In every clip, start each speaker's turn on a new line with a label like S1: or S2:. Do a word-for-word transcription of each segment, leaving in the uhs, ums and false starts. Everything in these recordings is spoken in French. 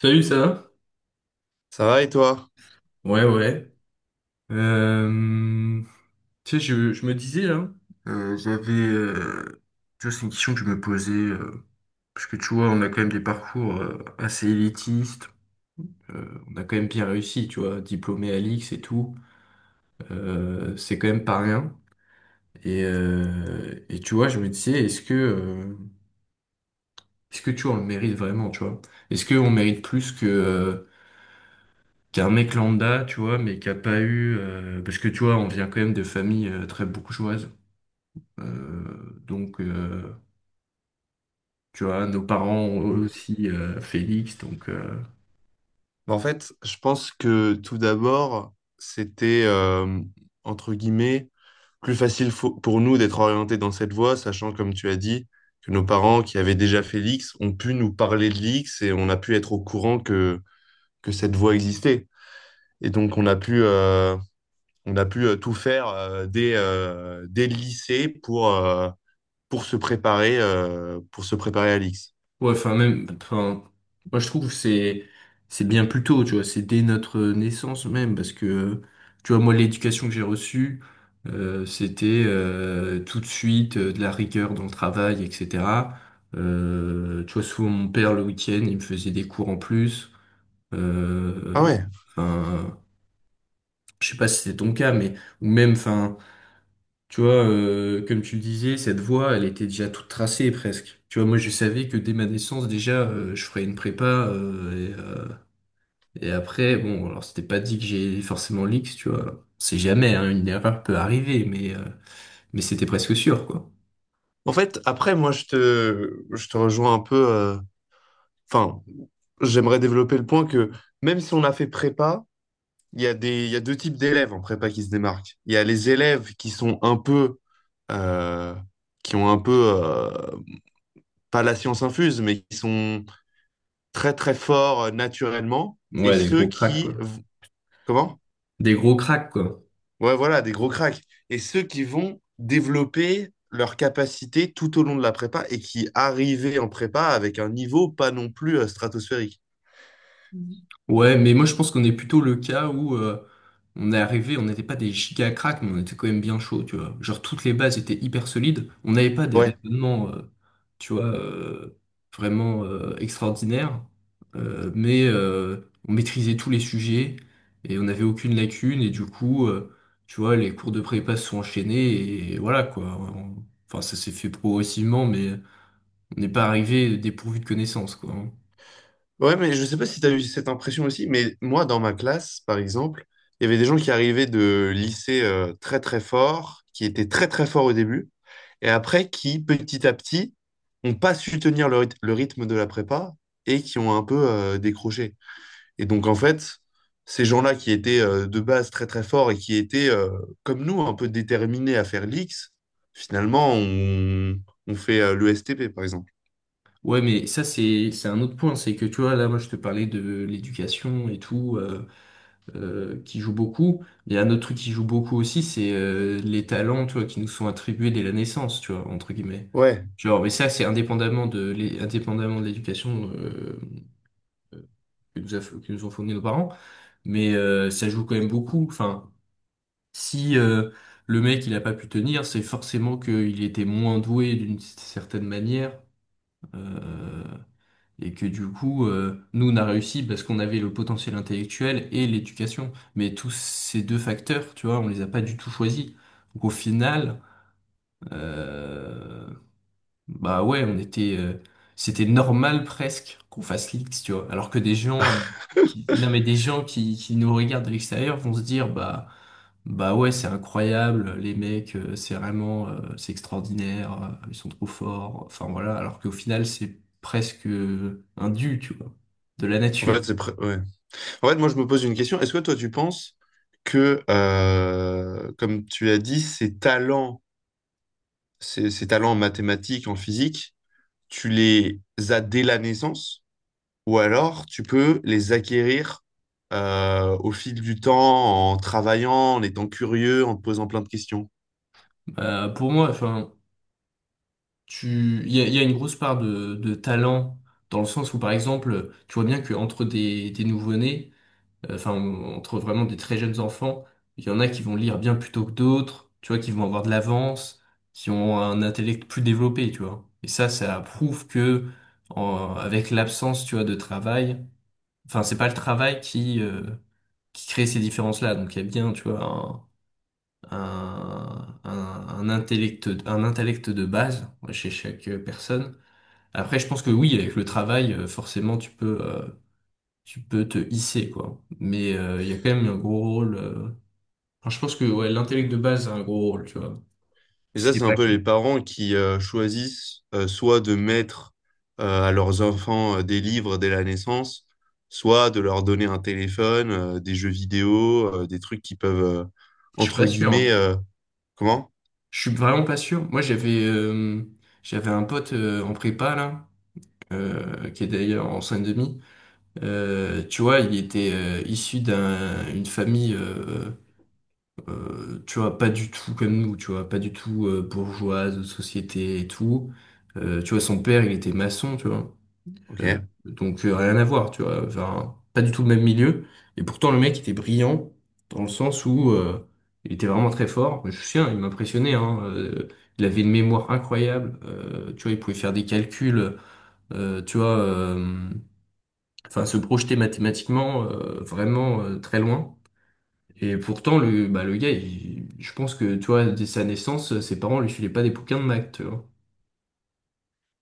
S1: Salut, ça va?
S2: Ça va et toi?
S1: Ouais, ouais. Euh, Tu sais, je, je me disais là, euh, j'avais, euh, tu vois, c'est une question que je me posais euh, parce que tu vois, on a quand même des parcours euh, assez élitistes. Euh, on a quand même bien réussi, tu vois, diplômé à l'I X et tout. Euh, c'est quand même pas rien. Et, euh, et tu vois, je me disais, est-ce que, euh, est-ce que tu vois, on le mérite vraiment, tu vois? Est-ce qu'on mérite plus que euh, qu'un mec lambda, tu vois, mais qui a pas eu, euh, parce que tu vois, on vient quand même de familles euh, très bourgeoises. Euh, donc, euh, tu vois, nos parents ont
S2: Mm.
S1: aussi euh, Félix. Donc, euh,
S2: En fait, je pense que tout d'abord, c'était euh, entre guillemets plus facile fo- pour nous d'être orientés dans cette voie, sachant, comme tu as dit, que nos parents qui avaient déjà fait l'X ont pu nous parler de l'X et on a pu être au courant que, que cette voie existait. Et donc, on a pu, euh, on a pu euh, tout faire euh, dès, euh, dès le lycée pour, euh, pour se préparer, euh, pour se préparer à l'X.
S1: ouais, enfin, même, enfin, moi, je trouve que c'est c'est bien plus tôt, tu vois, c'est dès notre naissance même, parce que, tu vois, moi, l'éducation que j'ai reçue, euh, c'était euh, tout de suite euh, de la rigueur dans le travail, et cetera. Euh, tu vois, souvent, mon père, le week-end, il me faisait des cours en plus. Euh,
S2: Ah.
S1: Enfin, je sais pas si c'est ton cas, mais ou même, enfin. Tu vois, euh, comme tu le disais, cette voie, elle était déjà toute tracée presque. Tu vois, moi, je savais que dès ma naissance, déjà, euh, je ferais une prépa. euh, et, euh, et après, bon, alors c'était pas dit que j'ai forcément l'X, tu vois. C'est jamais, hein, une erreur peut arriver, mais, euh, mais c'était presque sûr, quoi.
S2: En fait, après, moi, je te, je te rejoins un peu. euh, Enfin, j'aimerais développer le point que même si on a fait prépa, il y a des, il y a deux types d'élèves en prépa qui se démarquent. Il y a les élèves qui sont un peu, euh, qui ont un peu, euh, pas la science infuse, mais qui sont très, très forts euh, naturellement. Et
S1: Ouais, des
S2: ceux
S1: gros cracks,
S2: qui,
S1: quoi.
S2: comment?
S1: Des gros cracks, quoi.
S2: Ouais, voilà, des gros cracks. Et ceux qui vont développer leur capacité tout au long de la prépa et qui arrivaient en prépa avec un niveau pas non plus euh, stratosphérique.
S1: Ouais, mais moi je pense qu'on est plutôt le cas où euh, on est arrivé, on n'était pas des giga cracks, mais on était quand même bien chaud, tu vois. Genre toutes les bases étaient hyper solides, on n'avait pas des
S2: Ouais.
S1: raisonnements, euh, tu vois, euh, vraiment euh, extraordinaires. Euh, mais euh, on maîtrisait tous les sujets et on n'avait aucune lacune, et du coup, euh, tu vois, les cours de prépa se sont enchaînés et voilà quoi. On- Enfin, ça s'est fait progressivement, mais on n'est pas arrivé dépourvu de connaissances, quoi, hein.
S2: Ouais, mais je sais pas si tu as eu cette impression aussi, mais moi, dans ma classe, par exemple, il y avait des gens qui arrivaient de lycée euh, très très forts, qui étaient très très forts au début, et après qui, petit à petit, n'ont pas su tenir le, ryth- le rythme de la prépa et qui ont un peu euh, décroché. Et donc, en fait, ces gens-là qui étaient euh, de base très très forts et qui étaient, euh, comme nous, un peu déterminés à faire l'X, finalement, on, on fait euh, le S T P, par exemple.
S1: Ouais, mais ça, c'est, c'est un autre point. C'est que, tu vois, là, moi, je te parlais de l'éducation et tout, euh, euh, qui joue beaucoup. Il y a un autre truc qui joue beaucoup aussi, c'est euh, les talents, tu vois, qui nous sont attribués dès la naissance, tu vois, entre guillemets.
S2: Ouais.
S1: Genre, mais ça, c'est indépendamment de l'é- indépendamment de l'éducation euh, que nous, a- que nous ont fourni nos parents, mais euh, ça joue quand même beaucoup. Enfin, si euh, le mec il a pas pu tenir, c'est forcément qu'il était moins doué d'une certaine manière. Euh, Et que du coup, euh, nous, on a réussi parce qu'on avait le potentiel intellectuel et l'éducation. Mais tous ces deux facteurs, tu vois, on les a pas du tout choisis. Donc au final, euh, bah ouais, on était, euh, c'était normal presque qu'on fasse l'X, tu vois. Alors que des gens, qui, non mais des gens qui, qui nous regardent de l'extérieur vont se dire, bah, bah ouais, c'est incroyable, les mecs, euh, c'est vraiment, euh, c'est extraordinaire, euh, ils sont trop forts. Enfin voilà, alors qu'au final, c'est presque euh, un dû, tu vois, de la
S2: En
S1: nature.
S2: fait, c'est pr- ouais. En fait, moi, je me pose une question. Est-ce que toi, tu penses que, euh, comme tu l'as dit, ces talents, ces, ces talents en mathématiques, en physique, tu les as dès la naissance? Ou alors, tu peux les acquérir euh, au fil du temps, en travaillant, en étant curieux, en te posant plein de questions.
S1: Euh, pour moi, enfin, tu, il y a, il y a une grosse part de, de talent dans le sens où, par exemple, tu vois bien qu'entre des, des nouveau-nés. Euh, enfin, on- entre vraiment des très jeunes enfants, il y en a qui vont lire bien plus tôt que d'autres, tu vois, qui vont avoir de l'avance, qui ont un intellect plus développé, tu vois. Et ça, ça prouve que, en- avec l'absence, tu vois, de travail, enfin, c'est pas le travail qui, euh, qui crée ces différences-là. Donc, il y a bien, tu vois, un, un, un, un intellect, un intellect de base chez chaque personne. Après, je pense que oui, avec le travail, euh, forcément, tu peux. euh, tu peux te hisser, quoi. Mais euh, il y a quand même un gros rôle. euh, enfin, je pense que ouais, l'intellect de base a un gros rôle, tu vois.
S2: Et ça,
S1: C'était
S2: c'est un
S1: pas
S2: peu
S1: que.
S2: les parents qui euh, choisissent euh, soit de mettre euh, à leurs enfants euh, des livres dès la naissance, soit de leur donner un téléphone, euh, des jeux vidéo, euh, des trucs qui peuvent, euh,
S1: Je suis pas
S2: entre
S1: sûr,
S2: guillemets,
S1: hein.
S2: euh, comment?
S1: Je suis vraiment pas sûr. Moi, j'avais euh, j'avais un pote euh, en prépa, là, euh, qui est d'ailleurs en seine demi. Euh, tu vois, il était euh, issu d'un une famille, euh, euh, tu vois, pas du tout comme nous, tu vois, pas du tout euh, bourgeoise, de société et tout. Euh, tu vois, son père, il était maçon, tu vois.
S2: Ok.
S1: Euh, donc euh, rien à voir, tu vois. Enfin, pas du tout le même milieu. Et pourtant, le mec était brillant dans le sens où euh, il était vraiment très fort. Je suis sûr, il m'impressionnait, hein. Euh, il avait une mémoire incroyable. Euh, tu vois, il pouvait faire des calculs. euh, Tu vois, euh, enfin, se projeter mathématiquement euh, vraiment euh, très loin. Et pourtant, le, bah, le gars, il- je pense que, tu vois, dès sa naissance, ses parents lui filaient pas des bouquins de maths, tu vois.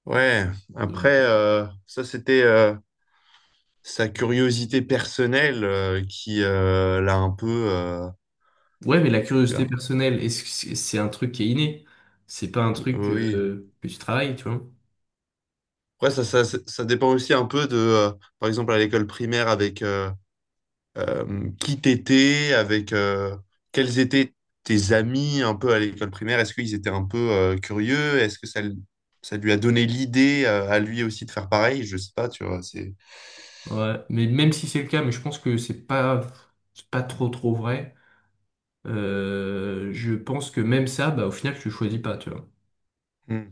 S2: Ouais. Après, euh, ça, c'était euh, sa curiosité personnelle euh, qui euh, l'a un peu... euh,
S1: Ouais, mais la curiosité
S2: Bien.
S1: personnelle, est-ce que c'est c'est un truc qui est inné? C'est pas un truc
S2: Oui.
S1: euh, que tu travailles, tu vois?
S2: Après, ça, ça, ça ça dépend aussi un peu de, euh, par exemple, à l'école primaire, avec euh, euh, qui t'étais, avec euh, quels étaient tes amis un peu à l'école primaire. Est-ce qu'ils étaient un peu euh, curieux? Est-ce que ça, l- ça lui a donné l'idée euh, à lui aussi de faire pareil? Je sais pas, tu vois, c'est...
S1: Ouais, mais même si c'est le cas, mais je pense que c'est pas, c'est pas trop trop vrai. Euh, je pense que même ça, bah, au final, tu le choisis pas, tu vois.
S2: Hmm.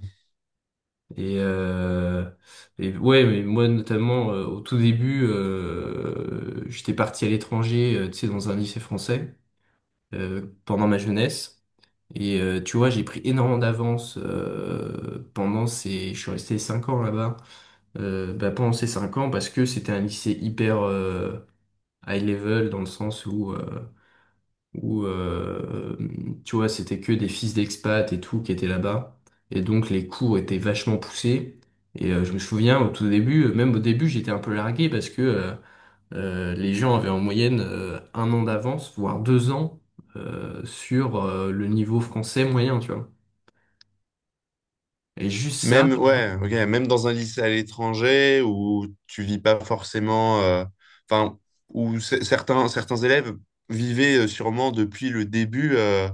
S1: Et, euh, et ouais, mais moi notamment, euh, au tout début, euh, j'étais parti à l'étranger, euh, tu sais, dans un lycée français euh, pendant ma jeunesse. Et euh, tu vois, j'ai pris énormément d'avance euh, pendant ces... Je suis resté cinq ans là-bas. Euh, bah, pendant ces cinq ans, parce que c'était un lycée hyper euh, high level, dans le sens où, euh, où euh, tu vois, c'était que des fils d'expat et tout qui étaient là-bas. Et donc, les cours étaient vachement poussés. Et euh, je me souviens, au tout début, euh, même au début, j'étais un peu largué parce que euh, euh, les gens avaient en moyenne euh, un an d'avance, voire deux ans, euh, sur euh, le niveau français moyen, tu vois. Et juste ça,
S2: Même, ouais, ok, même dans un lycée à l'étranger où tu vis pas forcément, euh, enfin, où c- certains, certains élèves vivaient euh, sûrement depuis le début euh,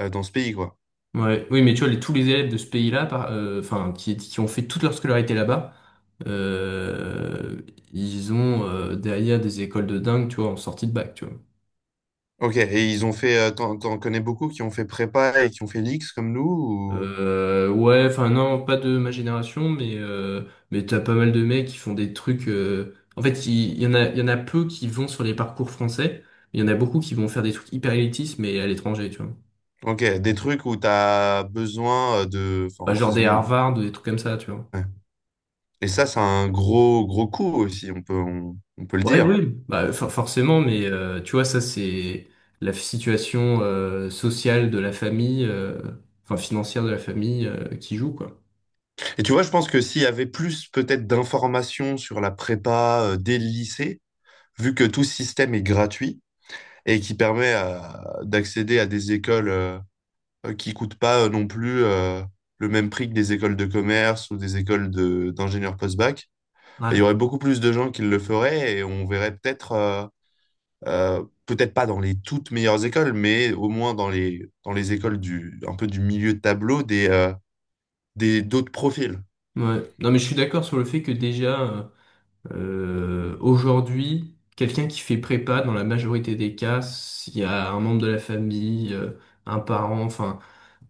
S2: euh, dans ce pays, quoi.
S1: ouais. Oui, mais tu vois, les- tous les élèves de ce pays-là, par- euh, enfin, qui, qui ont fait toute leur scolarité là-bas, euh, ils ont euh, derrière des écoles de dingue, tu vois, en sortie de bac, tu vois.
S2: Ok, et ils ont fait, euh, t'en, t'en connais beaucoup qui ont fait prépa et qui ont fait l'X comme nous ou...
S1: Euh, ouais, enfin non, pas de ma génération, mais euh, mais t'as pas mal de mecs qui font des trucs. euh, En fait, il il y, en a, il y en a peu qui vont sur les parcours français. Il y en a beaucoup qui vont faire des trucs hyper élitistes, mais à l'étranger, tu vois.
S2: Ok, des trucs où t'as besoin euh, de,
S1: Bah,
S2: enfin,
S1: genre
S2: c'est-
S1: des
S2: où-
S1: Harvard, des trucs comme ça, tu vois.
S2: ouais. Et ça, c'est un gros, gros coup aussi, on peut, on on peut le
S1: Ouais,
S2: dire.
S1: oui, bah, for- forcément, mais euh, tu vois, ça, c'est la situation euh, sociale de la famille, euh, enfin financière de la famille euh, qui joue, quoi.
S2: Et tu vois, je pense que s'il y avait plus peut-être d'informations sur la prépa euh, dès le lycée, vu que tout ce système est gratuit et qui permet à- d'accéder à des écoles euh, euh, qui coûtent pas euh, non plus euh, le même prix que des écoles de commerce ou des écoles de, d'ingénieurs post-bac, bah, il y
S1: Ouais.
S2: aurait beaucoup plus de gens qui le feraient et on verrait peut-être, euh, euh, peut-être pas dans les toutes meilleures écoles, mais au moins dans les, dans les écoles du, un peu du milieu de tableau des, euh, des, d'autres profils.
S1: Ouais. Non, mais je suis d'accord sur le fait que déjà, euh, aujourd'hui, quelqu'un qui fait prépa, dans la majorité des cas, s'il y a un membre de la famille, euh, un parent, enfin,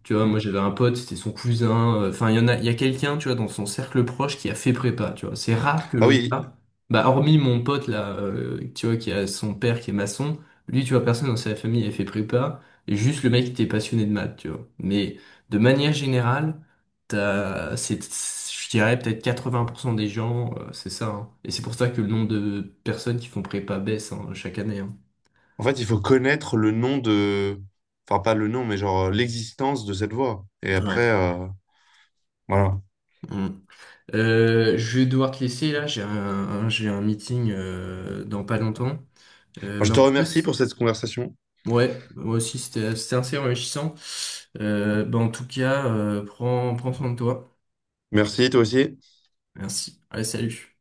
S1: tu vois, moi
S2: Mm.
S1: j'avais un pote, c'était son cousin. euh, Enfin, il y en a, il y a quelqu'un, tu vois, dans son cercle proche qui a fait prépa, tu vois. C'est rare que
S2: Ah
S1: le
S2: oui.
S1: gars, bah, hormis mon pote là, euh, tu vois, qui a son père qui est maçon, lui, tu vois, personne dans sa famille a fait prépa. Et juste le mec qui était passionné de maths, tu vois. Mais de manière générale, t'as, c'est, je dirais peut-être quatre-vingts pour cent des gens, euh, c'est ça, hein. Et c'est pour ça que le nombre de personnes qui font prépa baisse, hein, chaque année, hein.
S2: En fait, il faut connaître le nom de... Enfin, pas le nom, mais genre euh, l'existence de cette voix. Et
S1: Ouais.
S2: après, euh, voilà. Moi,
S1: Mm. Euh, je vais devoir te laisser là, j'ai un, un- j'ai un meeting euh, dans pas longtemps. Euh,
S2: je
S1: mais en
S2: te
S1: tout cas,
S2: remercie
S1: c-
S2: pour cette conversation.
S1: ouais, moi aussi c'était c'était assez enrichissant. Euh, bah, en tout cas, euh, prends, prends soin de toi.
S2: Merci, toi aussi.
S1: Merci. Allez, salut.